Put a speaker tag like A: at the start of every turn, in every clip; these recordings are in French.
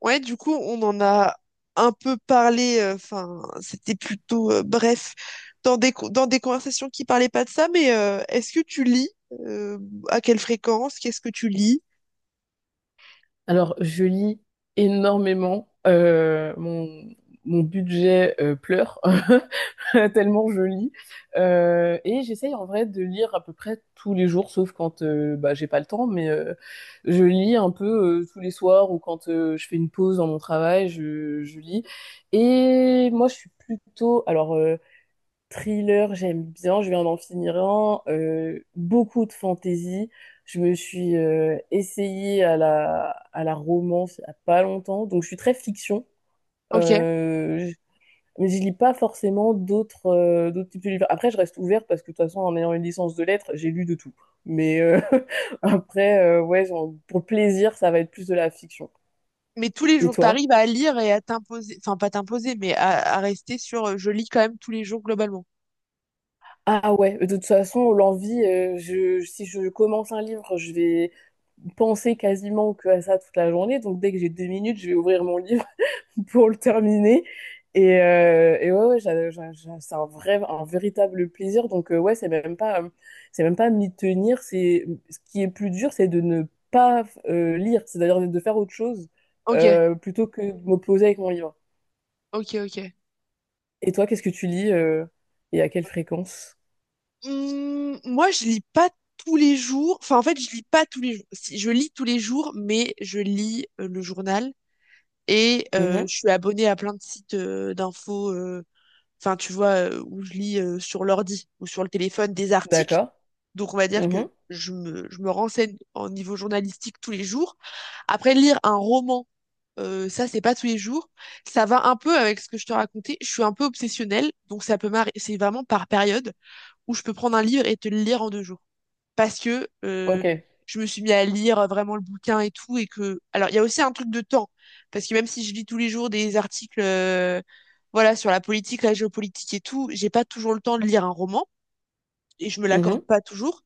A: Ouais, du coup, on en a un peu parlé, enfin, c'était plutôt bref, dans dans des conversations qui parlaient pas de ça, mais est-ce que tu lis? Euh, à quelle fréquence? Qu'est-ce que tu lis?
B: Alors, je lis énormément. Mon, mon budget pleure tellement je lis. Et j'essaye en vrai de lire à peu près tous les jours, sauf quand bah, j'ai pas le temps. Mais je lis un peu tous les soirs ou quand je fais une pause dans mon travail, je lis. Et moi, je suis plutôt. Thriller, j'aime bien, je viens d'en finir un. Beaucoup de fantaisie. Je me suis essayée à la romance il n'y a pas longtemps, donc je suis très fiction.
A: Ok.
B: Euh, je- mais je lis pas forcément d'autres d'autres types de livres. Après, je reste ouverte parce que de toute façon, en ayant une licence de lettres, j'ai lu de tout. Mais après, ouais, genre, pour plaisir, ça va être plus de la fiction.
A: Mais tous les
B: Et
A: jours,
B: toi?
A: t'arrives à lire et à t'imposer, enfin, pas t'imposer, mais à rester sur je lis quand même tous les jours globalement.
B: Ah ouais, de toute façon, l'envie, si je commence un livre, je vais penser quasiment que à ça toute la journée. Donc dès que j'ai deux minutes, je vais ouvrir mon livre pour le terminer. Et ouais, ouais, c'est un vrai, un véritable plaisir. Donc ouais, c'est même pas m'y tenir. C'est ce qui est plus dur, c'est de ne pas lire, c'est-à-dire de faire autre chose
A: Ok,
B: plutôt que de me poser avec mon livre.
A: ok, ok.
B: Et toi, qu'est-ce que tu lis et à quelle fréquence?
A: Moi, je lis pas tous les jours. Enfin, en fait, je lis pas tous les jours. Si, je lis tous les jours, mais je lis le journal. Et
B: Mhm.
A: je suis abonnée à plein de sites d'infos, enfin, tu vois, où je lis sur l'ordi ou sur le téléphone des articles.
B: D'accord.
A: Donc, on va dire que je me renseigne en niveau journalistique tous les jours. Après, lire un roman, ça, c'est pas tous les jours. Ça va un peu avec ce que je te racontais. Je suis un peu obsessionnelle, donc ça peut m'arriver. C'est vraiment par période où je peux prendre un livre et te le lire en 2 jours parce que
B: Ok.
A: je me suis mis à lire vraiment le bouquin et tout et que alors il y a aussi un truc de temps parce que même si je lis tous les jours des articles voilà sur la politique, la géopolitique et tout, j'ai pas toujours le temps de lire un roman et je me l'accorde
B: Mhm.
A: pas toujours.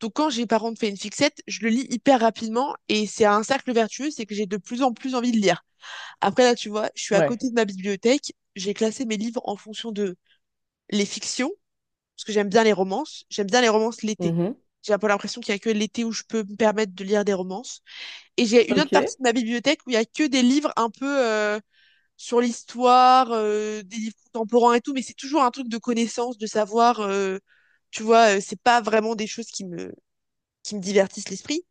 A: Donc quand j'ai par contre fait une fixette, je le lis hyper rapidement et c'est un cercle vertueux, c'est que j'ai de plus en plus envie de lire. Après là, tu vois, je suis à
B: Ouais.
A: côté de ma bibliothèque, j'ai classé mes livres en fonction de les fictions parce que j'aime bien les romances. J'aime bien les romances l'été.
B: Mhm.
A: J'ai un peu l'impression qu'il y a que l'été où je peux me permettre de lire des romances. Et j'ai une autre
B: Ok.
A: partie de ma bibliothèque où il y a que des livres un peu sur l'histoire, des livres contemporains et tout, mais c'est toujours un truc de connaissance, de savoir. Tu vois, c'est pas vraiment des choses qui me divertissent l'esprit.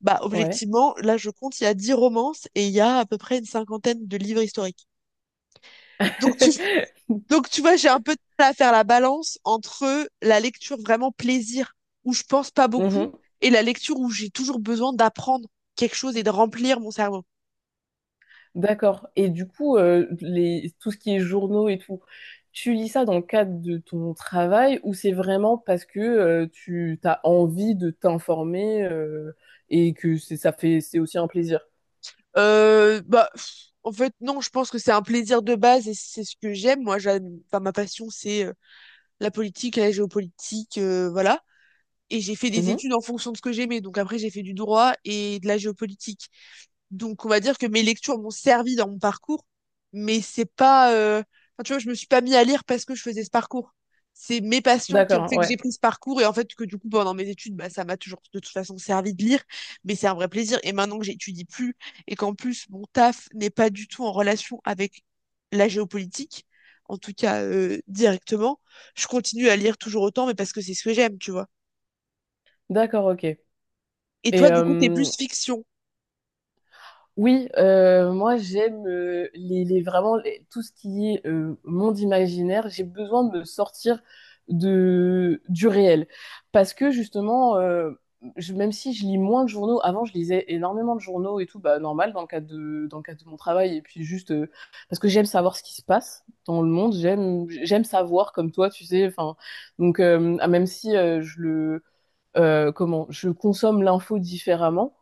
A: Bah,
B: Ouais.
A: objectivement, là, je compte, il y a 10 romances et il y a à peu près une cinquantaine de livres historiques. Donc, tu Donc, tu vois, j'ai un peu de mal à faire la balance entre la lecture vraiment plaisir, où je pense pas beaucoup,
B: Mhm.
A: et la lecture où j'ai toujours besoin d'apprendre quelque chose et de remplir mon cerveau.
B: D'accord. Et du coup, les, tout ce qui est journaux et tout, tu lis ça dans le cadre de ton travail ou c'est vraiment parce que tu as envie de t'informer et que c'est, ça fait, c'est aussi un plaisir?
A: Euh, bah, pff, En fait, non, je pense que c'est un plaisir de base et c'est ce que j'aime. Moi, j'aime, enfin, ma passion, c'est la politique, la géopolitique, voilà. Et j'ai fait des
B: Mhm.
A: études en fonction de ce que j'aimais. Donc après, j'ai fait du droit et de la géopolitique. Donc, on va dire que mes lectures m'ont servi dans mon parcours, mais c'est pas, enfin, tu vois, je me suis pas mis à lire parce que je faisais ce parcours. C'est mes passions qui ont
B: D'accord.
A: fait que j'ai
B: Ouais.
A: pris ce parcours et en fait que du coup, pendant mes études, bah, ça m'a toujours de toute façon servi de lire, mais c'est un vrai plaisir. Et maintenant que j'étudie plus et qu'en plus, mon taf n'est pas du tout en relation avec la géopolitique, en tout cas, directement, je continue à lire toujours autant, mais parce que c'est ce que j'aime, tu vois.
B: D'accord. Ok.
A: Et
B: Et,
A: toi, du coup, t'es
B: euh,
A: plus fiction.
B: Oui, moi j'aime vraiment tout ce qui est monde imaginaire. J'ai besoin de me sortir de, du réel. Parce que justement, même si je lis moins de journaux, avant je lisais énormément de journaux et tout, bah, normal dans le cadre de, dans le cadre de mon travail. Et puis juste parce que j'aime savoir ce qui se passe dans le monde, j'aime savoir comme toi, tu sais. Enfin, même si je le comment je consomme l'info différemment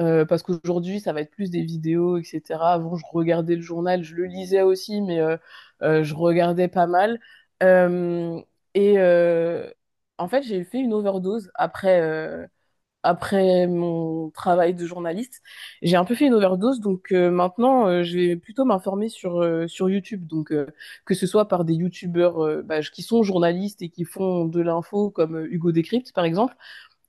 B: parce qu'aujourd'hui ça va être plus des vidéos etc avant je regardais le journal je le lisais aussi mais je regardais pas mal. Euh, et euh, En fait j'ai fait une overdose après après mon travail de journaliste j'ai un peu fait une overdose donc maintenant je vais plutôt m'informer sur sur YouTube donc que ce soit par des youtubeurs bah, qui sont journalistes et qui font de l'info comme Hugo Décrypte par exemple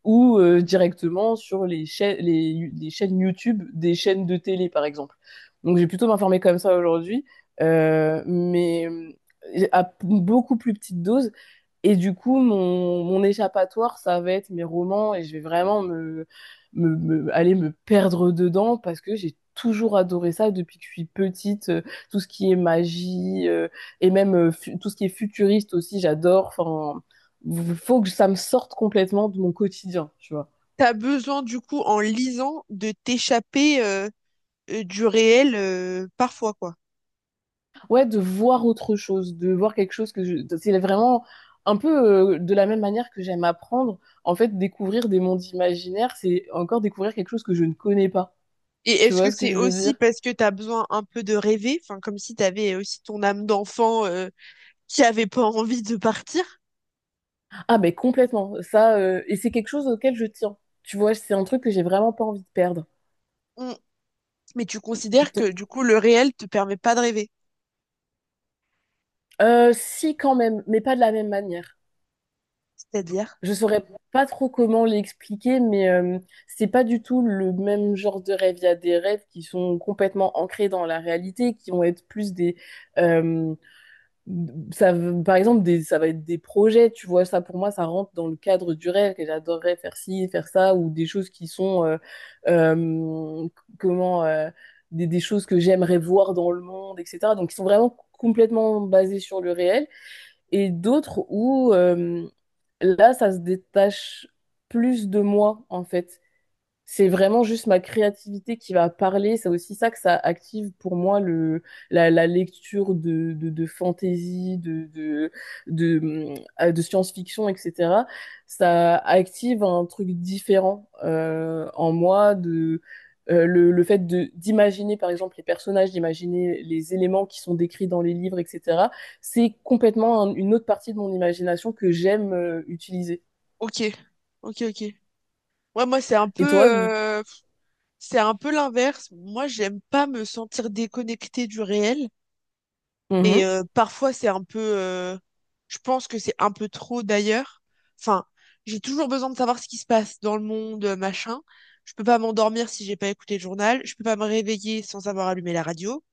B: ou directement sur les chaînes YouTube des chaînes de télé, par exemple. Donc, j'ai plutôt m'informer comme ça aujourd'hui, à beaucoup plus petite dose. Et du coup, mon échappatoire, ça va être mes romans et je vais vraiment aller me perdre dedans parce que j'ai toujours adoré ça depuis que je suis petite. Tout ce qui est magie et même tout ce qui est futuriste aussi, j'adore. Enfin, faut que ça me sorte complètement de mon quotidien, tu vois.
A: T'as besoin, du coup, en lisant, de t'échapper, du réel, parfois, quoi.
B: Ouais, de voir autre chose, de voir quelque chose que je... C'est vraiment un peu de la même manière que j'aime apprendre. En fait, découvrir des mondes imaginaires, c'est encore découvrir quelque chose que je ne connais pas.
A: Et
B: Tu
A: est-ce
B: vois
A: que
B: ce que
A: c'est
B: je veux
A: aussi
B: dire?
A: parce que t'as besoin un peu de rêver? Enfin, comme si t'avais aussi ton âme d'enfant, qui avait pas envie de partir?
B: Ah, mais complètement. Et c'est quelque chose auquel je tiens. Tu vois, c'est un truc que j'ai vraiment pas envie de perdre.
A: Mmh, mais tu considères que,
B: Donc,
A: du coup, le réel te permet pas de rêver?
B: Si, quand même, mais pas de la même manière.
A: C'est-à-dire?
B: Je saurais pas trop comment l'expliquer, mais c'est pas du tout le même genre de rêve. Il y a des rêves qui sont complètement ancrés dans la réalité, qui vont être plus des, euh, Par exemple, ça va être des projets, tu vois, ça pour moi, ça rentre dans le cadre du rêve, que j'adorerais faire ci, faire ça, ou des choses qui sont, euh, comment, euh, des choses que j'aimerais voir dans le monde, etc. Donc, qui sont vraiment complètement basées sur le réel, et d'autres où, là, ça se détache plus de moi, en fait c'est vraiment juste ma créativité qui va parler. C'est aussi ça que ça active pour moi la lecture de fantaisie, de, hum, de science-fiction, etc. Ça active un truc différent en moi de le fait de d'imaginer par exemple les personnages, d'imaginer les éléments qui sont décrits dans les livres, etc. C'est complètement une autre partie de mon imagination que j'aime utiliser.
A: OK. OK, OK. Ouais, moi,
B: Et toi, de-
A: c'est un peu l'inverse. Moi, j'aime pas me sentir déconnectée du réel. Et
B: Mhm.
A: parfois, c'est un peu... je pense que c'est un peu trop d'ailleurs. Enfin, j'ai toujours besoin de savoir ce qui se passe dans le monde, machin. Je peux pas m'endormir si j'ai pas écouté le journal. Je peux pas me réveiller sans avoir allumé la radio.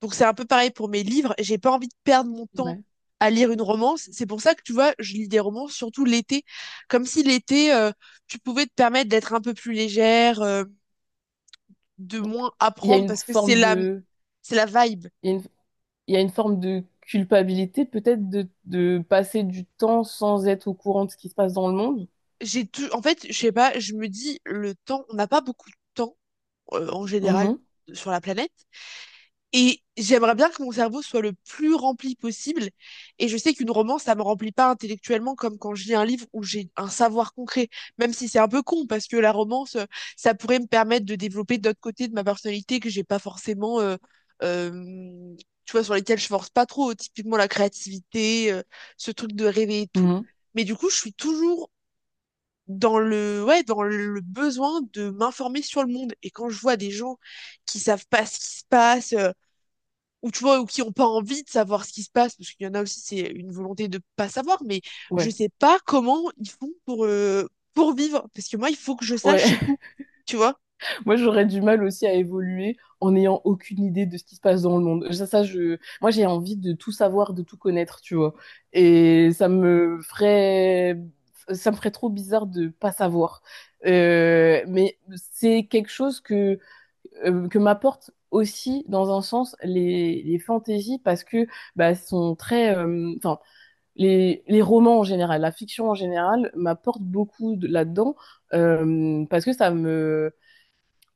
A: Donc c'est un peu pareil pour mes livres. J'ai pas envie de perdre mon temps
B: Ouais.
A: à lire une romance. C'est pour ça que tu vois, je lis des romances surtout l'été. Comme si l'été, tu pouvais te permettre d'être un peu plus légère, de moins
B: Il y a
A: apprendre
B: une
A: parce que
B: forme de
A: c'est la vibe.
B: il y a il y a une forme de culpabilité peut-être de passer du temps sans être au courant de ce qui se passe dans le monde.
A: J'ai tout, en fait, je sais pas, je me dis, le temps, on n'a pas beaucoup de temps, en général,
B: Mhm,
A: sur la planète. Et j'aimerais bien que mon cerveau soit le plus rempli possible. Et je sais qu'une romance, ça me remplit pas intellectuellement comme quand je lis un livre où j'ai un savoir concret, même si c'est un peu con, parce que la romance, ça pourrait me permettre de développer d'autres côtés de ma personnalité que j'ai pas forcément, euh, tu vois, sur lesquels je force pas trop, typiquement la créativité, ce truc de rêver et tout.
B: mhm,
A: Mais du coup, je suis toujours ouais, dans le besoin de m'informer sur le monde. Et quand je vois des gens qui savent pas ce qui se passe, ou tu vois, ou qui ont pas envie de savoir ce qui se passe, parce qu'il y en a aussi, c'est une volonté de pas savoir, mais je
B: ouais.
A: sais pas comment ils font pour vivre. Parce que moi, il faut que je
B: Ouais,
A: sache tout, tu vois?
B: moi j'aurais du mal aussi à évoluer en n'ayant aucune idée de ce qui se passe dans le monde. Moi j'ai envie de tout savoir, de tout connaître, tu vois. Et ça me ferait trop bizarre de pas savoir. Mais c'est quelque chose que m'apportent aussi dans un sens les fantaisies parce que bah, sont très enfin les romans en général la fiction en général m'apporte là-dedans parce que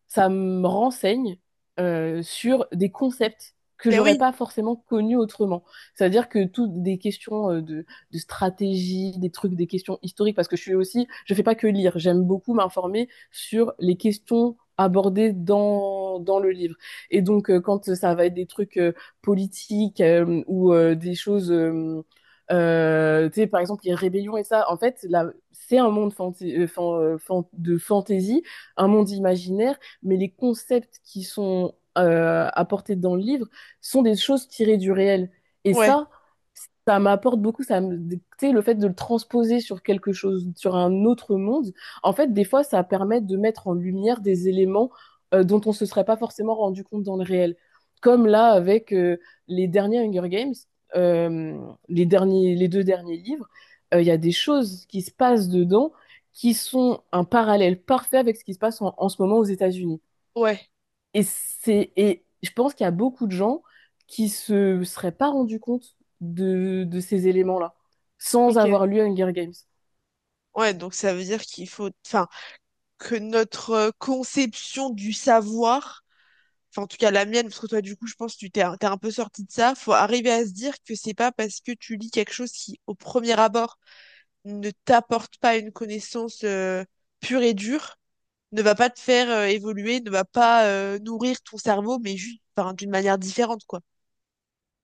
B: ça me renseigne sur des concepts que
A: Ben
B: j'aurais
A: oui,
B: pas forcément connus autrement. C'est-à-dire que toutes des questions de stratégie, des trucs, des questions historiques, parce que je suis aussi, je fais pas que lire, j'aime beaucoup m'informer sur les questions abordées dans, dans le livre. Et donc, quand ça va être des trucs politiques ou des choses, tu sais, par exemple, les rébellions et ça, en fait, là, c'est un monde de fantaisie, un monde imaginaire mais les concepts qui sont apportés dans le livre sont des choses tirées du réel. Et
A: ouais,
B: ça m'apporte beaucoup. Ça me, tu sais, le fait de le transposer sur quelque chose, sur un autre monde, en fait, des fois, ça permet de mettre en lumière des éléments dont on se serait pas forcément rendu compte dans le réel. Comme là, avec les derniers Hunger Games, euh, les derniers, les deux derniers livres, il y a des choses qui se passent dedans qui sont un parallèle parfait avec ce qui se passe en en ce moment aux États-Unis.
A: ouais,
B: Et c'est, et je pense qu'il y a beaucoup de gens qui se seraient pas rendus compte de ces éléments-là, sans
A: ok.
B: avoir lu Hunger Games.
A: Ouais, donc ça veut dire qu'il faut, enfin, que notre conception du savoir enfin en tout cas la mienne, parce que toi du coup je pense que tu t'es t'es un peu sorti de ça, faut arriver à se dire que c'est pas parce que tu lis quelque chose qui au premier abord ne t'apporte pas une connaissance pure et dure, ne va pas te faire évoluer, ne va pas nourrir ton cerveau, mais juste enfin, d'une manière différente quoi.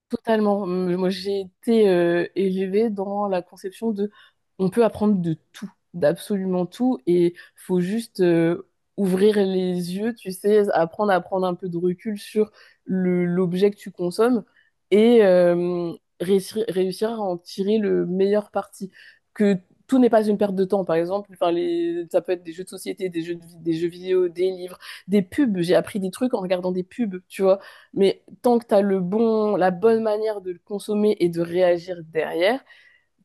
B: Totalement. Moi, j'ai été élevée dans la conception de on peut apprendre de tout, d'absolument tout, et faut juste ouvrir les yeux, tu sais, apprendre à prendre un peu de recul sur l'objet que tu consommes et réussir à en tirer le meilleur parti. Que tout n'est pas une perte de temps, par exemple, enfin, les, ça peut être des jeux de société, des jeux vidéo, des livres, des pubs. J'ai appris des trucs en regardant des pubs, tu vois. Mais tant que tu as le bon, la bonne manière de le consommer et de réagir derrière,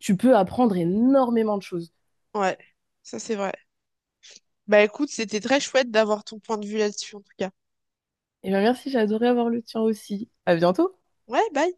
B: tu peux apprendre énormément de choses.
A: Ouais, ça c'est vrai. Bah écoute, c'était très chouette d'avoir ton point de vue là-dessus en tout cas.
B: Et bien merci, j'ai adoré avoir le tien aussi. À bientôt!
A: Ouais, bye.